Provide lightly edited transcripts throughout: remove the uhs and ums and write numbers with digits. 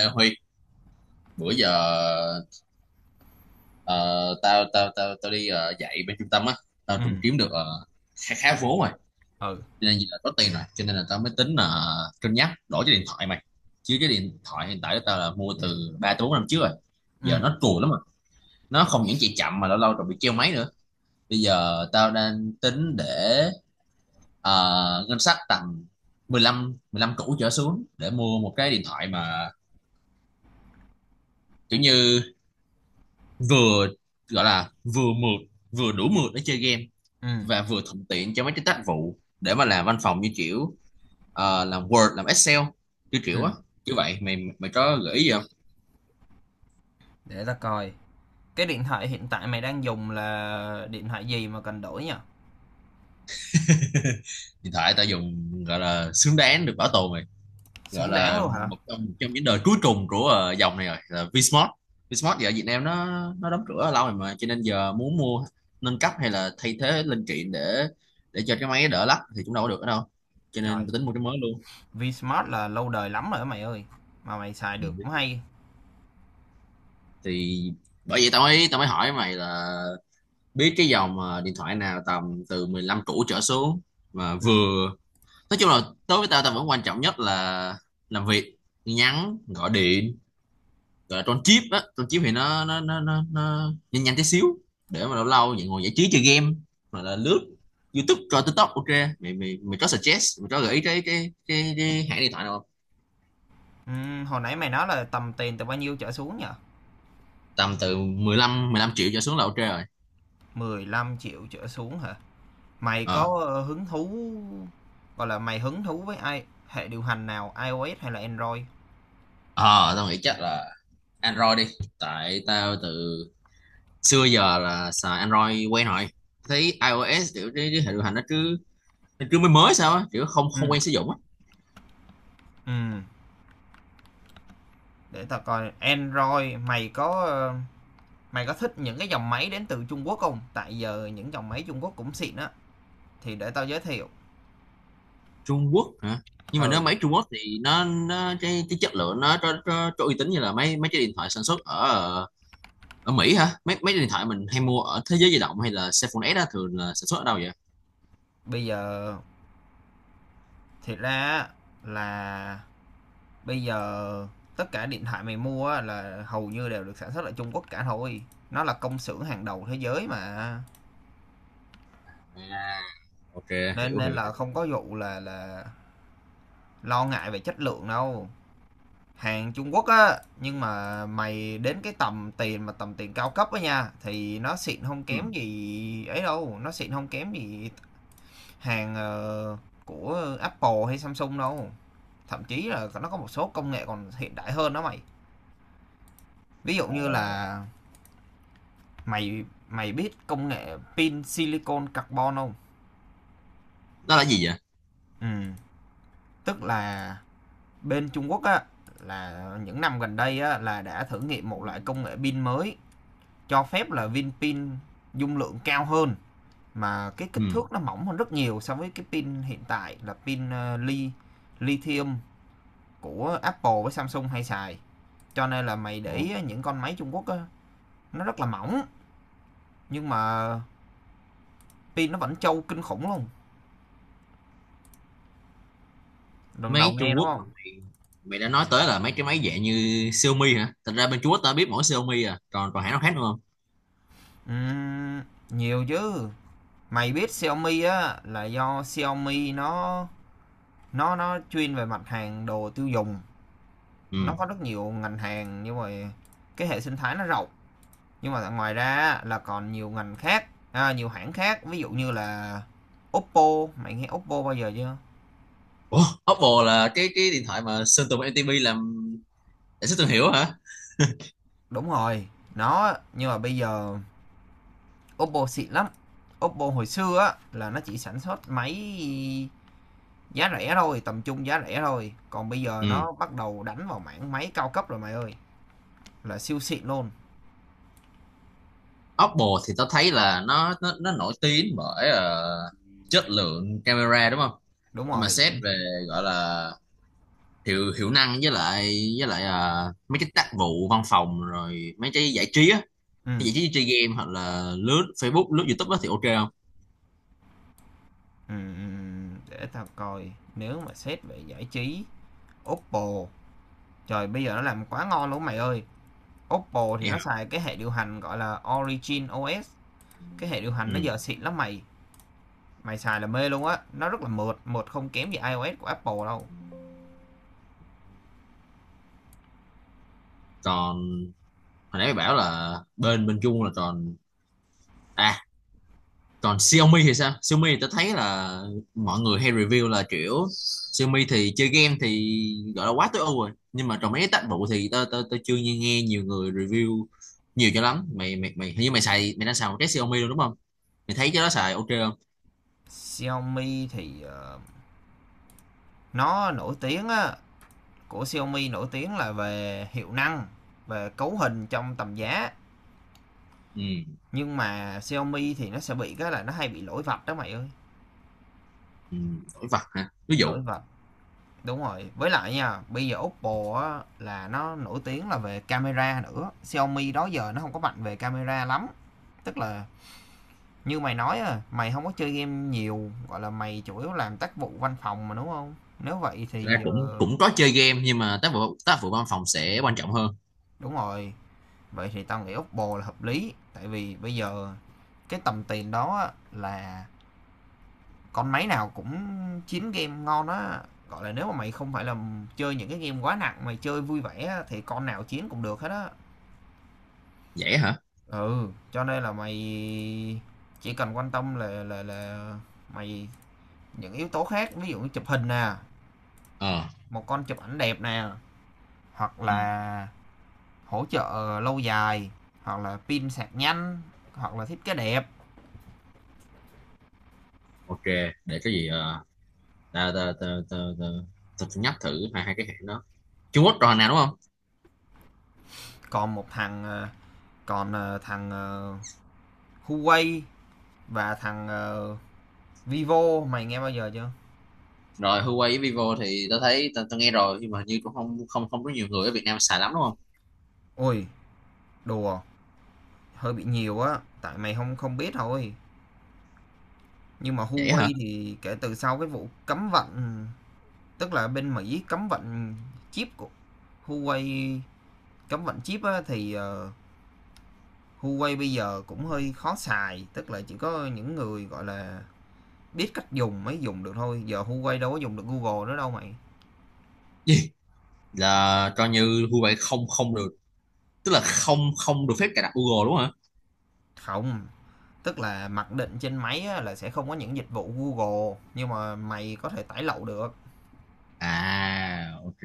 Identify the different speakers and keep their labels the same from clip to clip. Speaker 1: Ê Huy, bữa giờ ờ, tao tao tao tao đi dạy bên trung tâm á, tao
Speaker 2: ừ
Speaker 1: cũng kiếm được khá khá vốn rồi,
Speaker 2: ừ,
Speaker 1: cho nên là có tiền rồi, cho nên là tao mới tính là cân nhắc đổi cái điện thoại mày. Chứ cái điện thoại hiện tại của tao là mua từ 3 tới 4 năm trước rồi. Giờ
Speaker 2: ừ
Speaker 1: nó cùi lắm rồi. Nó không những chạy chậm mà lâu lâu còn bị treo máy nữa. Bây giờ tao đang tính để ngân sách tầm mười lăm củ trở xuống để mua một cái điện thoại mà kiểu như vừa, gọi là vừa mượt, vừa đủ mượt để chơi game
Speaker 2: ừ
Speaker 1: và vừa thuận tiện cho mấy cái tác vụ để mà làm văn phòng, như kiểu làm Word, làm Excel, như kiểu
Speaker 2: ừm,
Speaker 1: á. Như vậy mày mày có gợi ý gì không?
Speaker 2: để ta coi. Cái điện thoại hiện tại mày đang dùng là điện thoại gì mà cần đổi nhỉ?
Speaker 1: Hiện tại tao dùng gọi là xứng đáng được bảo tồn mày, gọi
Speaker 2: Xứng đáng
Speaker 1: là
Speaker 2: luôn hả?
Speaker 1: một trong những đời cuối cùng của dòng này rồi, là Vsmart. Vsmart giờ ở Việt Nam nó đóng cửa lâu rồi mà, cho nên giờ muốn mua nâng cấp hay là thay thế linh kiện để cho cái máy đỡ lắc thì cũng đâu có được ở đâu, cho
Speaker 2: Trời,
Speaker 1: nên tôi tính mua cái mới luôn.
Speaker 2: Vsmart là lâu đời lắm rồi đó mày ơi. Mà mày xài
Speaker 1: Ừ.
Speaker 2: được cũng hay.
Speaker 1: Thì bởi vậy tao mới hỏi mày là biết cái dòng điện thoại nào tầm từ 15 cũ trở xuống mà
Speaker 2: ừ
Speaker 1: vừa, nói chung là đối với tao tao vẫn quan trọng nhất là làm việc, nhắn, gọi điện, gọi là con chip á, con chip thì nó nhanh nhanh tí xíu để mà lâu lâu vậy ngồi giải trí chơi game hoặc là lướt YouTube, coi TikTok, ok. Mày mày mày có suggest, mày có gợi ý cái hãng điện thoại nào không?
Speaker 2: ừm, Hồi nãy mày nói là tầm tiền từ bao nhiêu trở xuống nhỉ?
Speaker 1: Tầm từ 15 triệu trở xuống là ok rồi.
Speaker 2: 15 triệu trở xuống hả? Mày
Speaker 1: ờ
Speaker 2: có hứng thú, gọi là mày hứng thú với ai hệ điều hành nào, iOS hay là Android?
Speaker 1: ờ tao nghĩ chắc là Android đi, tại tao từ xưa giờ là xài Android quen rồi, thấy iOS kiểu cái hệ điều hành nó cứ, nó cứ mới mới sao á, kiểu không không
Speaker 2: Ừ
Speaker 1: quen sử dụng á.
Speaker 2: ừm, để ta coi Android. Mày có thích những cái dòng máy đến từ Trung Quốc không? Tại giờ những dòng máy Trung Quốc cũng xịn á. Thì để tao giới thiệu.
Speaker 1: Trung Quốc hả? Nhưng mà nếu
Speaker 2: Ừ,
Speaker 1: máy Trung Quốc thì nó cái chất lượng nó có uy tín như là mấy mấy cái điện thoại sản xuất ở, ở Mỹ hả? Mấy mấy cái điện thoại mình hay mua ở Thế giới di động hay là Cellphone S đó thường là sản xuất ở đâu vậy?
Speaker 2: bây giờ thiệt ra là, bây giờ tất cả điện thoại mày mua là hầu như đều được sản xuất ở Trung Quốc cả thôi. Nó là công xưởng hàng đầu thế giới mà.
Speaker 1: À, ok,
Speaker 2: Nên
Speaker 1: hiểu
Speaker 2: nên
Speaker 1: hiểu
Speaker 2: là
Speaker 1: hiểu
Speaker 2: không có vụ là lo ngại về chất lượng đâu. Hàng Trung Quốc á, nhưng mà mày đến cái tầm tiền mà tầm tiền cao cấp á nha thì nó xịn không
Speaker 1: Ừ.
Speaker 2: kém gì ấy đâu, nó xịn không kém gì hàng, của Apple hay Samsung đâu. Thậm chí là nó có một số công nghệ còn hiện đại hơn đó mày. Ví dụ như
Speaker 1: Ồ.
Speaker 2: là mày mày biết công nghệ pin silicon carbon không?
Speaker 1: Đó là gì vậy?
Speaker 2: Ừ, tức là bên Trung Quốc á là những năm gần đây á là đã thử nghiệm một loại công nghệ pin mới cho phép là viên pin dung lượng cao hơn mà cái
Speaker 1: Ừ.
Speaker 2: kích thước nó mỏng hơn rất nhiều so với cái pin hiện tại là pin ờ, li lithium của Apple với Samsung hay xài, cho nên là mày để
Speaker 1: Ồ.
Speaker 2: ý những con máy Trung Quốc á, nó rất là mỏng nhưng mà pin nó vẫn trâu kinh khủng luôn. Lần đầu
Speaker 1: Máy
Speaker 2: nghe
Speaker 1: Trung
Speaker 2: đúng
Speaker 1: Quốc
Speaker 2: không?
Speaker 1: mà mày, mày đã nói tới là mấy cái máy dạng như Xiaomi hả? Thật ra bên Trung Quốc tao biết mỗi Xiaomi à, còn còn hãng nào khác nữa không?
Speaker 2: Ừm, Nhiều chứ. Mày biết Xiaomi á là do Xiaomi nó chuyên về mặt hàng đồ tiêu dùng, nó
Speaker 1: Ừ.
Speaker 2: có rất nhiều ngành hàng nhưng mà cái hệ sinh thái nó rộng, nhưng mà ngoài ra là còn nhiều ngành khác à, nhiều hãng khác, ví dụ như là Oppo. Mày nghe Oppo bao giờ chưa?
Speaker 1: Ủa, Oppo là cái điện thoại mà Sơn Tùng MTP làm để xuất thương hiệu hả?
Speaker 2: Đúng rồi, nó nhưng mà bây giờ Oppo xịn lắm. Oppo hồi xưa á là nó chỉ sản xuất máy giá rẻ thôi, tầm trung giá rẻ thôi. Còn bây giờ
Speaker 1: Ừ.
Speaker 2: nó bắt đầu đánh vào mảng máy cao cấp rồi mày ơi, là siêu xịn luôn.
Speaker 1: Oppo thì tao thấy là nó, nó nổi tiếng bởi chất lượng camera đúng không?
Speaker 2: Đúng
Speaker 1: Nhưng mà
Speaker 2: rồi,
Speaker 1: xét
Speaker 2: chính xác.
Speaker 1: về, gọi là, hiệu hiệu năng, với lại, với lại mấy cái tác vụ văn phòng rồi mấy cái giải trí á,
Speaker 2: Ừ,
Speaker 1: cái giải trí chơi game hoặc là lướt Facebook, lướt YouTube á thì ok không?
Speaker 2: ừ, ừ, ừ. Để tao coi, nếu mà xét về giải trí, Oppo, trời, bây giờ nó làm quá ngon luôn mày ơi. Oppo thì
Speaker 1: Vậy
Speaker 2: nó
Speaker 1: hả?
Speaker 2: xài cái hệ điều hành gọi là Origin OS, cái hệ điều hành
Speaker 1: Ừ.
Speaker 2: nó giờ xịn lắm mày. Mày xài là mê luôn á, nó rất là mượt, mượt không kém gì iOS của Apple đâu.
Speaker 1: Còn hồi nãy mày bảo là bên, Trung là còn, à, còn Xiaomi thì sao? Xiaomi thì tao thấy là mọi người hay review là kiểu Xiaomi thì chơi game thì gọi là quá tối ưu rồi, nhưng mà trong mấy cái tác vụ thì tao tao tao chưa nghe, nghe nhiều người review nhiều cho lắm. Mày, mày hình như mày xài, mày đang xài một cái Xiaomi luôn đúng không? Mày thấy cái đó xài ok không?
Speaker 2: Xiaomi thì nó nổi tiếng á, của Xiaomi nổi tiếng là về hiệu năng, về cấu hình trong tầm giá,
Speaker 1: ừ,
Speaker 2: nhưng mà Xiaomi thì nó sẽ bị cái là nó hay bị lỗi vạch đó mày ơi.
Speaker 1: ừ đổi vặt hả, ví dụ?
Speaker 2: Lỗi vạch, đúng rồi, với lại nha bây giờ Oppo á, là nó nổi tiếng là về camera nữa. Xiaomi đó giờ nó không có mạnh về camera lắm, tức là như mày nói à, mày không có chơi game nhiều, gọi là mày chủ yếu làm tác vụ văn phòng mà đúng không? Nếu vậy
Speaker 1: Thật ra
Speaker 2: thì
Speaker 1: cũng cũng có chơi game nhưng mà tác vụ, tác vụ văn phòng sẽ quan trọng hơn.
Speaker 2: đúng rồi, vậy thì tao nghĩ Oppo là hợp lý tại vì bây giờ cái tầm tiền đó á, là con máy nào cũng chín game ngon á, gọi là nếu mà mày không phải là chơi những cái game quá nặng, mày chơi vui vẻ á, thì con nào chiến cũng được hết á.
Speaker 1: Dễ hả?
Speaker 2: Ừ, cho nên là mày chỉ cần quan tâm là mày, những yếu tố khác, ví dụ như chụp hình nè,
Speaker 1: Ờ.
Speaker 2: một con chụp ảnh đẹp nè, hoặc
Speaker 1: Ừ,
Speaker 2: là hỗ trợ lâu dài, hoặc là pin sạc nhanh, hoặc là thiết kế đẹp.
Speaker 1: ok. Để cái gì, tao tao tao tao tao tao phải nhấp thử hai hai cái hãng đó Trung Quốc rồi nào đúng không?
Speaker 2: Còn một thằng ờ, còn ờ, thằng ờ, Huawei và thằng Vivo, mày nghe bao giờ chưa?
Speaker 1: Rồi Huawei với Vivo thì tao thấy tao, tao nghe rồi nhưng mà hình như cũng không không không có nhiều người ở Việt Nam xài lắm đúng không?
Speaker 2: Ôi đùa, hơi bị nhiều á tại mày không không biết thôi, nhưng mà
Speaker 1: Vậy hả?
Speaker 2: Huawei thì kể từ sau cái vụ cấm vận, tức là bên Mỹ cấm vận chip của Huawei, cấm vận chip á, thì Huawei bây giờ cũng hơi khó xài, tức là chỉ có những người, gọi là, biết cách dùng mới dùng được thôi, giờ Huawei đâu có dùng được Google nữa đâu mày.
Speaker 1: Gì, là cho như Huawei không không được, tức là không không được phép cài đặt Google đúng không hả?
Speaker 2: Không, tức là mặc định trên máy là sẽ không có những dịch vụ Google, nhưng mà mày có thể tải lậu được.
Speaker 1: À, ok,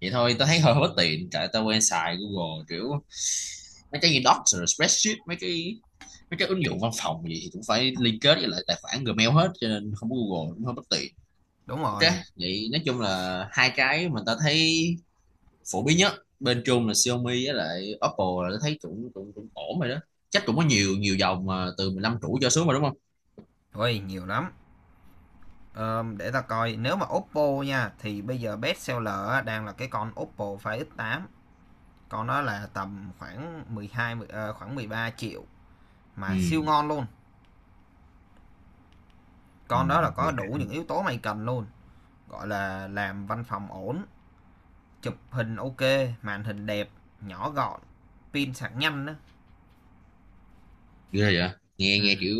Speaker 1: vậy thôi tao thấy hơi hơi bất tiện tại tao quen xài Google, kiểu mấy cái gì Docs rồi spreadsheet, mấy cái, mấy cái ứng dụng văn phòng gì thì cũng phải liên kết với lại tài khoản Gmail hết, cho nên không có Google cũng hơi bất tiện.
Speaker 2: Đúng
Speaker 1: Ok,
Speaker 2: rồi.
Speaker 1: vậy nói chung là hai cái mình ta thấy phổ biến nhất bên Trung là Xiaomi với lại Oppo là ta thấy cũng cũng cũng ổn rồi đó, chắc cũng có nhiều, nhiều dòng mà từ 15 củ cho xuống mà đúng không?
Speaker 2: Ôi, nhiều lắm. Ờ, để ta coi, nếu mà Oppo nha, thì bây giờ best seller đang là cái con Oppo Find X8, con đó là tầm khoảng 13 triệu mà
Speaker 1: Ừ.
Speaker 2: siêu ngon luôn.
Speaker 1: Ừ.
Speaker 2: Con đó là có
Speaker 1: Mười
Speaker 2: đủ
Speaker 1: hai.
Speaker 2: những yếu tố mày cần luôn. Gọi là làm văn phòng ổn, chụp hình ok, màn hình đẹp, nhỏ gọn, pin sạc nhanh đó.
Speaker 1: Ghê vậy, nghe,
Speaker 2: Ừ,
Speaker 1: nghe kiểu,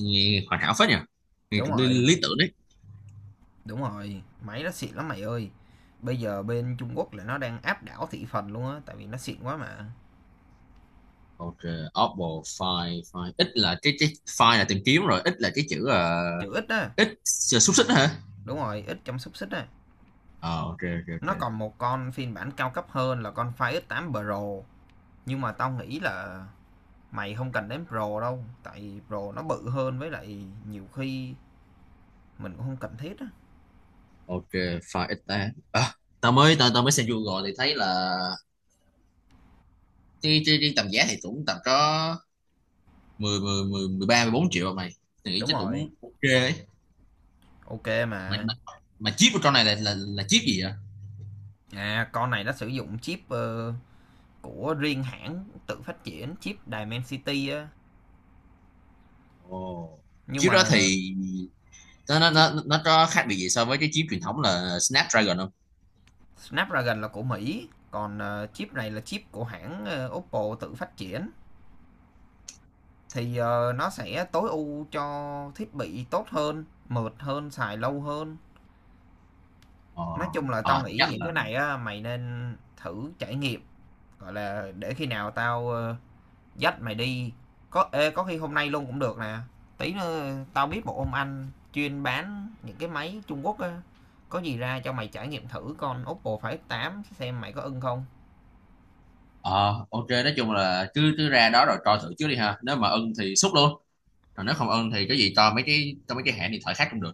Speaker 1: nghe hoàn hảo phết nhỉ, nghe
Speaker 2: đúng
Speaker 1: cũng lý,
Speaker 2: rồi,
Speaker 1: lý tưởng đấy.
Speaker 2: đúng rồi, máy nó xịn lắm mày ơi, bây giờ bên Trung Quốc là nó đang áp đảo thị phần luôn á tại vì nó xịn quá mà.
Speaker 1: Ok. Oppo Find, Find ít, là cái Find là tìm kiếm rồi, ít là cái chữ là
Speaker 2: Chữ ít á,
Speaker 1: ít, là xúc xích đó hả?
Speaker 2: đúng rồi, ít trong xúc xích á,
Speaker 1: Ờ, ok ok ok.
Speaker 2: nó còn một con phiên bản cao cấp hơn là con Fire X8 Pro, nhưng mà tao nghĩ là mày không cần đến Pro đâu tại Pro nó bự hơn, với lại nhiều khi mình cũng không cần thiết á.
Speaker 1: Ok, Find ít ta, à, tao mới xem Google thì thấy là tuy, tuy riêng tầm giá thì cũng tầm có 13, 14 triệu mà mày. Tôi nghĩ
Speaker 2: Đúng
Speaker 1: chắc
Speaker 2: rồi,
Speaker 1: Tũng ok ấy.
Speaker 2: ok
Speaker 1: Mà,
Speaker 2: mà.
Speaker 1: mà chip của con này là chip gì vậy?
Speaker 2: À, con này nó sử dụng chip, của riêng hãng tự phát triển, chip Dimensity á,
Speaker 1: Ồ.
Speaker 2: nhưng
Speaker 1: Chip đó
Speaker 2: mà
Speaker 1: thì nó, nó,
Speaker 2: chip
Speaker 1: nó, nó có khác biệt gì so với cái chip truyền thống là Snapdragon không?
Speaker 2: Snapdragon là của Mỹ, còn, chip này là chip của hãng, Oppo tự phát triển. Thì, nó sẽ tối ưu cho thiết bị tốt hơn, mượt hơn, xài lâu hơn.
Speaker 1: Ờ.
Speaker 2: Nói chung là tao
Speaker 1: Ờ thì
Speaker 2: nghĩ
Speaker 1: chắc
Speaker 2: những cái
Speaker 1: là,
Speaker 2: này á, mày nên thử trải nghiệm, gọi là, để khi nào tao dắt mày đi, có khi hôm nay luôn cũng được nè, tí nữa tao biết một ông anh chuyên bán những cái máy Trung Quốc á, có gì ra cho mày trải nghiệm thử con Oppo Find X8 xem mày có ưng không.
Speaker 1: ờ ok, nói chung là cứ, cứ ra đó rồi coi thử trước đi ha. Nếu mà ưng thì xúc luôn, còn nếu không ưng thì cái gì, to mấy cái, to mấy cái hãng điện thoại khác cũng được.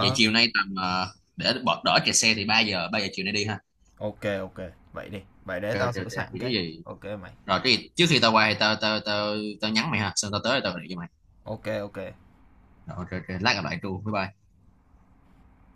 Speaker 1: Vậy chiều nay tầm để bỏ đỡ kẹt xe thì 3 giờ, 3 giờ chiều nay đi ha.
Speaker 2: ok, ok, vậy đi, vậy để
Speaker 1: Ok
Speaker 2: tao
Speaker 1: ok ok
Speaker 2: sửa soạn
Speaker 1: thì cái
Speaker 2: cái.
Speaker 1: gì,
Speaker 2: Ok mày,
Speaker 1: rồi cái gì trước khi tao qua thì tao tao nhắn mày ha, xong tao tới tao gọi cho mày.
Speaker 2: ok, ok.
Speaker 1: Rồi, ok ok, lát gặp lại tru, bye bye.